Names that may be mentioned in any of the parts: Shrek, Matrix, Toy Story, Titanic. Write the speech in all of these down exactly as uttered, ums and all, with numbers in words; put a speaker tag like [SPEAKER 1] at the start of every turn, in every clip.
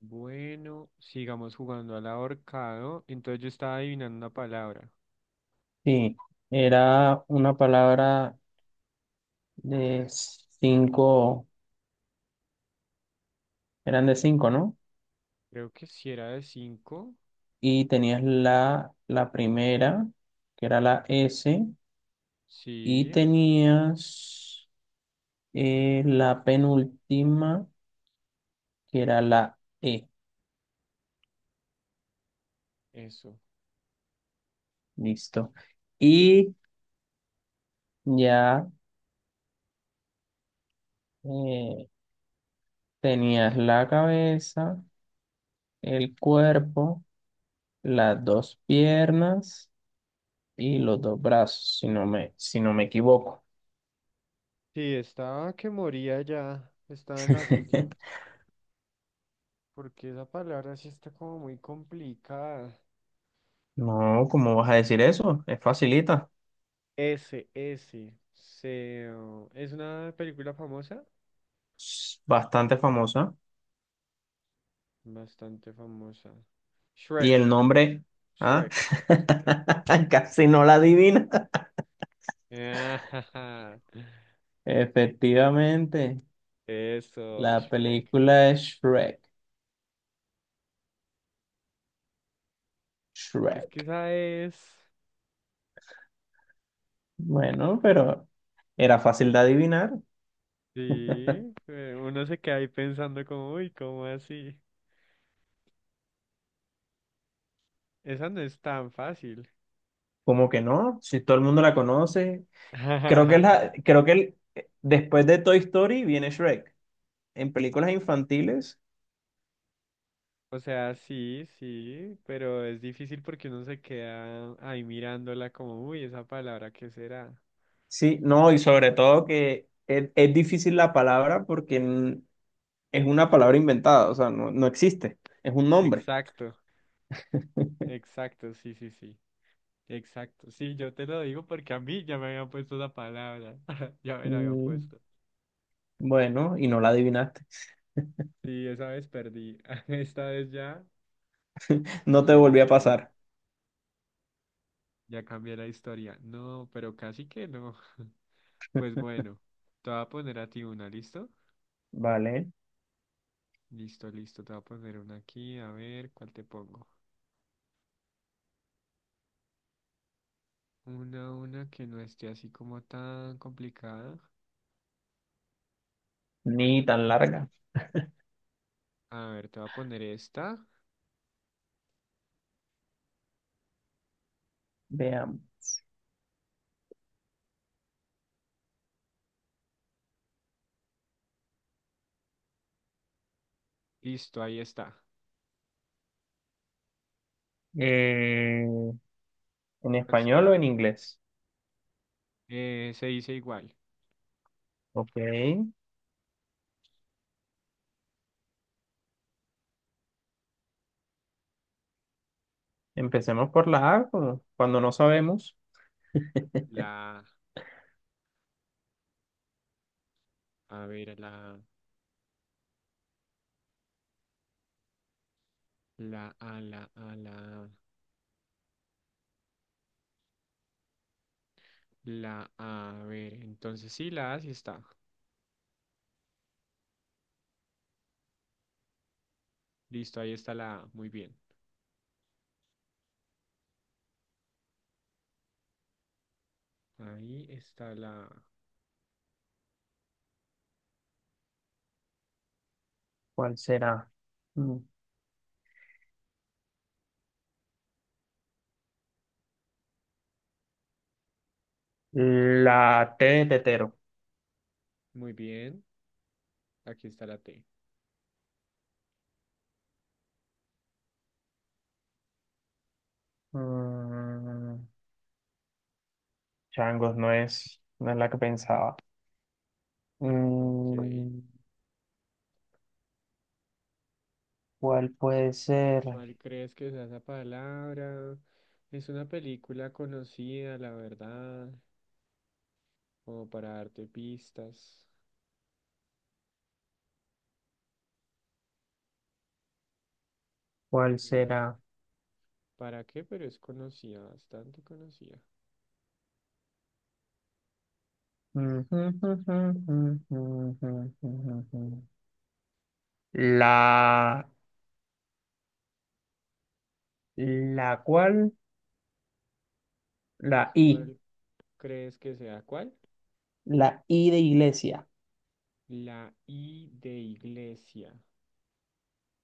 [SPEAKER 1] Bueno, sigamos jugando al ahorcado. Entonces yo estaba adivinando una palabra.
[SPEAKER 2] Sí, era una palabra de cinco, eran de cinco, ¿no?
[SPEAKER 1] Creo que si era de cinco.
[SPEAKER 2] Y tenías la, la primera, que era la S, y
[SPEAKER 1] Sí,
[SPEAKER 2] tenías eh, la penúltima, que era la E,
[SPEAKER 1] eso.
[SPEAKER 2] listo. Y ya eh, tenías la cabeza, el cuerpo, las dos piernas y los dos brazos, si no me, si no me equivoco.
[SPEAKER 1] Sí, estaba que moría ya. Estaba en las últimas. Porque esa palabra sí está como muy complicada.
[SPEAKER 2] No, ¿cómo vas a decir eso? Es facilita,
[SPEAKER 1] S, S. Se, oh, ¿es una película famosa?
[SPEAKER 2] es bastante famosa.
[SPEAKER 1] Bastante famosa.
[SPEAKER 2] Y
[SPEAKER 1] Shrek,
[SPEAKER 2] el nombre, ah,
[SPEAKER 1] Shrek.
[SPEAKER 2] casi no la adivina. Efectivamente,
[SPEAKER 1] Eso,
[SPEAKER 2] la
[SPEAKER 1] Shrek.
[SPEAKER 2] película es Shrek.
[SPEAKER 1] Es que
[SPEAKER 2] Shrek.
[SPEAKER 1] esa es.
[SPEAKER 2] Bueno, pero era fácil de adivinar.
[SPEAKER 1] Sí, eh, uno se queda ahí pensando como, uy, ¿cómo así? Esa no es tan fácil.
[SPEAKER 2] ¿Cómo que no? Si todo el mundo la conoce. Creo que es la, creo que el- después de Toy Story viene Shrek. En películas infantiles,
[SPEAKER 1] O sea, sí, sí, pero es difícil porque uno se queda ahí mirándola como, uy, esa palabra, ¿qué será?
[SPEAKER 2] sí, no, y sobre todo que es, es difícil la palabra porque es una palabra inventada, o sea, no, no existe, es un nombre.
[SPEAKER 1] Exacto, exacto, sí, sí, sí, exacto. Sí, yo te lo digo porque a mí ya me habían puesto la palabra, ya me la habían
[SPEAKER 2] Mm,
[SPEAKER 1] puesto.
[SPEAKER 2] bueno, y no la adivinaste.
[SPEAKER 1] Sí, esa vez perdí, esta vez ya
[SPEAKER 2] No te
[SPEAKER 1] cambié la
[SPEAKER 2] volví a
[SPEAKER 1] historia,
[SPEAKER 2] pasar,
[SPEAKER 1] ya cambié la historia. No, pero casi que no. Pues bueno, te voy a poner a ti una, ¿listo?
[SPEAKER 2] ¿vale?
[SPEAKER 1] Listo, listo, te voy a poner una aquí, a ver cuál te pongo. Una, una que no esté así como tan complicada.
[SPEAKER 2] Ni tan larga.
[SPEAKER 1] A ver, te voy a poner esta.
[SPEAKER 2] Veamos.
[SPEAKER 1] Listo, ahí está.
[SPEAKER 2] Eh, ¿en
[SPEAKER 1] ¿Cuál
[SPEAKER 2] español o
[SPEAKER 1] será?
[SPEAKER 2] en inglés?
[SPEAKER 1] Eh, se dice igual.
[SPEAKER 2] Ok, empecemos por la A, como cuando no sabemos
[SPEAKER 1] La, a ver, la, la, a, la, a, la, la, a, ver. Entonces sí, la A sí está. Listo, ahí está la A. Muy bien. Ahí está la A.
[SPEAKER 2] cuál será. Mm, La T de tetero.
[SPEAKER 1] Muy bien. Aquí está la T.
[SPEAKER 2] Mm, changos, no es, no es la que pensaba.
[SPEAKER 1] Ok.
[SPEAKER 2] Mm, ¿cuál puede ser?
[SPEAKER 1] ¿Cuál crees que sea esa palabra? Es una película conocida, la verdad, como para darte pistas.
[SPEAKER 2] ¿Cuál
[SPEAKER 1] ¿Y
[SPEAKER 2] será?
[SPEAKER 1] para qué? Pero es conocida, bastante conocida.
[SPEAKER 2] La, la cual, la I,
[SPEAKER 1] ¿Cuál crees que sea? ¿Cuál?
[SPEAKER 2] La I de iglesia.
[SPEAKER 1] La I de iglesia.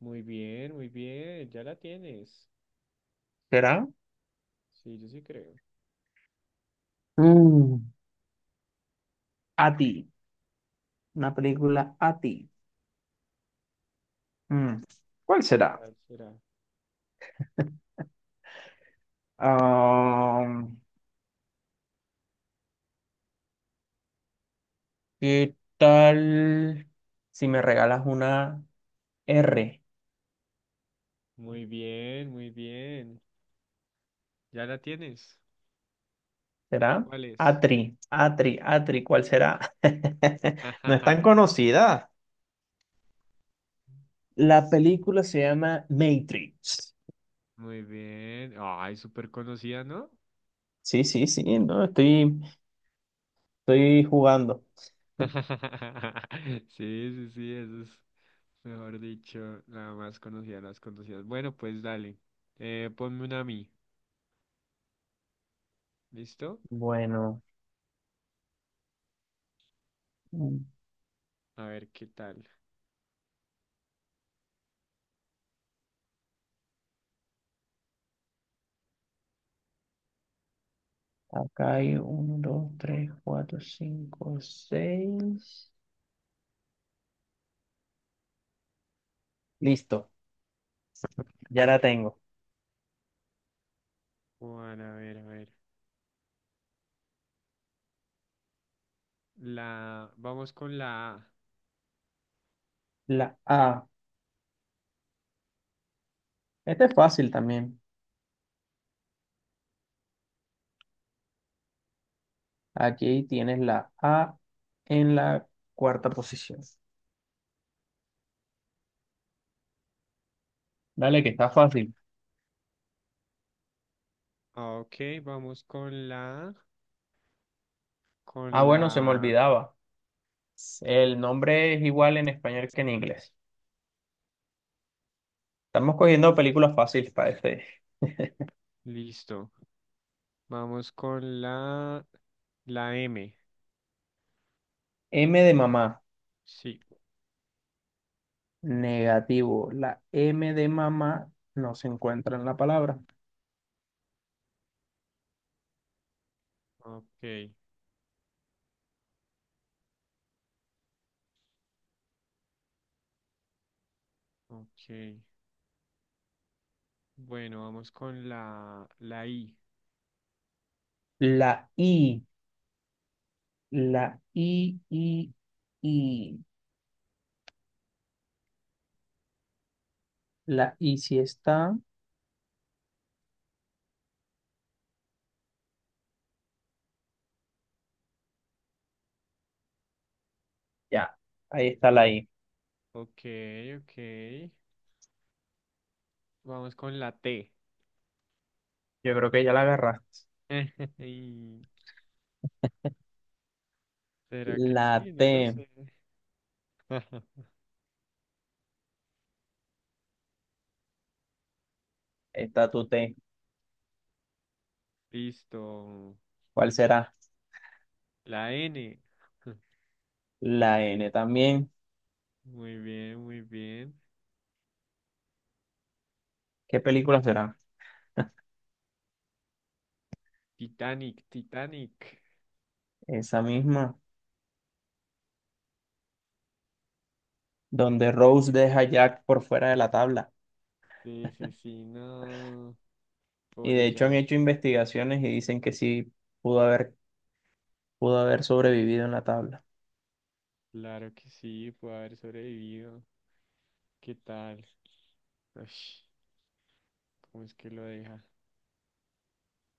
[SPEAKER 1] Muy bien, muy bien, ya la tienes.
[SPEAKER 2] ¿Será?
[SPEAKER 1] Sí, yo sí creo.
[SPEAKER 2] Mm, A ti. Una película a ti. Mm, ¿Cuál será?
[SPEAKER 1] ¿Cuál será?
[SPEAKER 2] Ah, ¿qué tal si me regalas una R?
[SPEAKER 1] Muy bien, muy bien. ¿Ya la tienes?
[SPEAKER 2] ¿Será?
[SPEAKER 1] ¿Cuál es?
[SPEAKER 2] Atri, Atri, Atri, ¿cuál será? No es tan conocida. La
[SPEAKER 1] Sí.
[SPEAKER 2] película se llama Matrix.
[SPEAKER 1] Muy bien. Ay, súper conocida, ¿no?
[SPEAKER 2] Sí, sí, sí, no, estoy, estoy jugando.
[SPEAKER 1] Sí, sí, sí, eso es, mejor dicho, la más conocida de las conocidas. Bueno, pues dale. Eh, ponme una a mí. ¿Listo?
[SPEAKER 2] Bueno, mm,
[SPEAKER 1] A ver qué tal.
[SPEAKER 2] acá hay uno, dos, tres, cuatro, cinco, seis. Listo, ya la tengo.
[SPEAKER 1] Juan, a ver, a ver. La, vamos con la A.
[SPEAKER 2] La A. Este es fácil también. Aquí tienes la A en la cuarta posición. Dale, que está fácil.
[SPEAKER 1] Ah, ok, vamos con la,
[SPEAKER 2] Ah,
[SPEAKER 1] con
[SPEAKER 2] bueno, se me
[SPEAKER 1] la,
[SPEAKER 2] olvidaba. El nombre es igual en español que en inglés. Estamos cogiendo películas fáciles para este.
[SPEAKER 1] listo. Vamos con la, la M.
[SPEAKER 2] M de mamá.
[SPEAKER 1] Sí.
[SPEAKER 2] Negativo. La M de mamá no se encuentra en la palabra.
[SPEAKER 1] Ok, ok. Bueno, vamos con la, la I.
[SPEAKER 2] La I, la I, I, I. La I sí está. Ya, ahí está la I.
[SPEAKER 1] Ok, ok. Vamos con la T.
[SPEAKER 2] Yo creo que ya la agarraste.
[SPEAKER 1] Y, ¿será que
[SPEAKER 2] La
[SPEAKER 1] sí? No lo
[SPEAKER 2] T, ahí
[SPEAKER 1] sé.
[SPEAKER 2] está tu T.
[SPEAKER 1] Listo.
[SPEAKER 2] ¿Cuál será?
[SPEAKER 1] La N.
[SPEAKER 2] La N también.
[SPEAKER 1] Muy bien, muy bien.
[SPEAKER 2] ¿Qué película será?
[SPEAKER 1] Titanic, Titanic.
[SPEAKER 2] Esa misma, donde
[SPEAKER 1] Ahí
[SPEAKER 2] Rose deja a
[SPEAKER 1] está.
[SPEAKER 2] Jack por fuera de la tabla.
[SPEAKER 1] Sí, sí, sí, no.
[SPEAKER 2] Y de
[SPEAKER 1] Pobre
[SPEAKER 2] hecho han
[SPEAKER 1] Jack.
[SPEAKER 2] hecho investigaciones y dicen que sí pudo haber, pudo haber sobrevivido en la tabla.
[SPEAKER 1] Claro que sí, puede haber sobrevivido. ¿Qué tal? Ush, ¿cómo es que lo deja?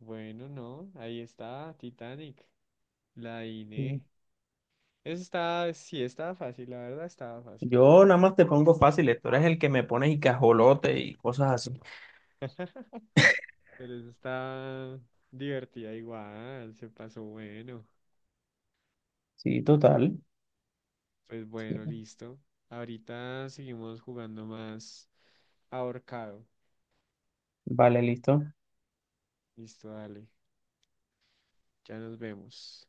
[SPEAKER 1] Bueno, no, ahí está, Titanic, la Iné. Eso está, sí, estaba fácil, la verdad estaba fácil.
[SPEAKER 2] Yo nada más te pongo fácil, tú eres el que me pones y cajolote y cosas así.
[SPEAKER 1] Pero eso está divertida igual, se pasó bueno.
[SPEAKER 2] Sí, total.
[SPEAKER 1] Pues bueno,
[SPEAKER 2] Sí.
[SPEAKER 1] listo. Ahorita seguimos jugando más ahorcado.
[SPEAKER 2] Vale, listo.
[SPEAKER 1] Listo, dale, ya nos vemos.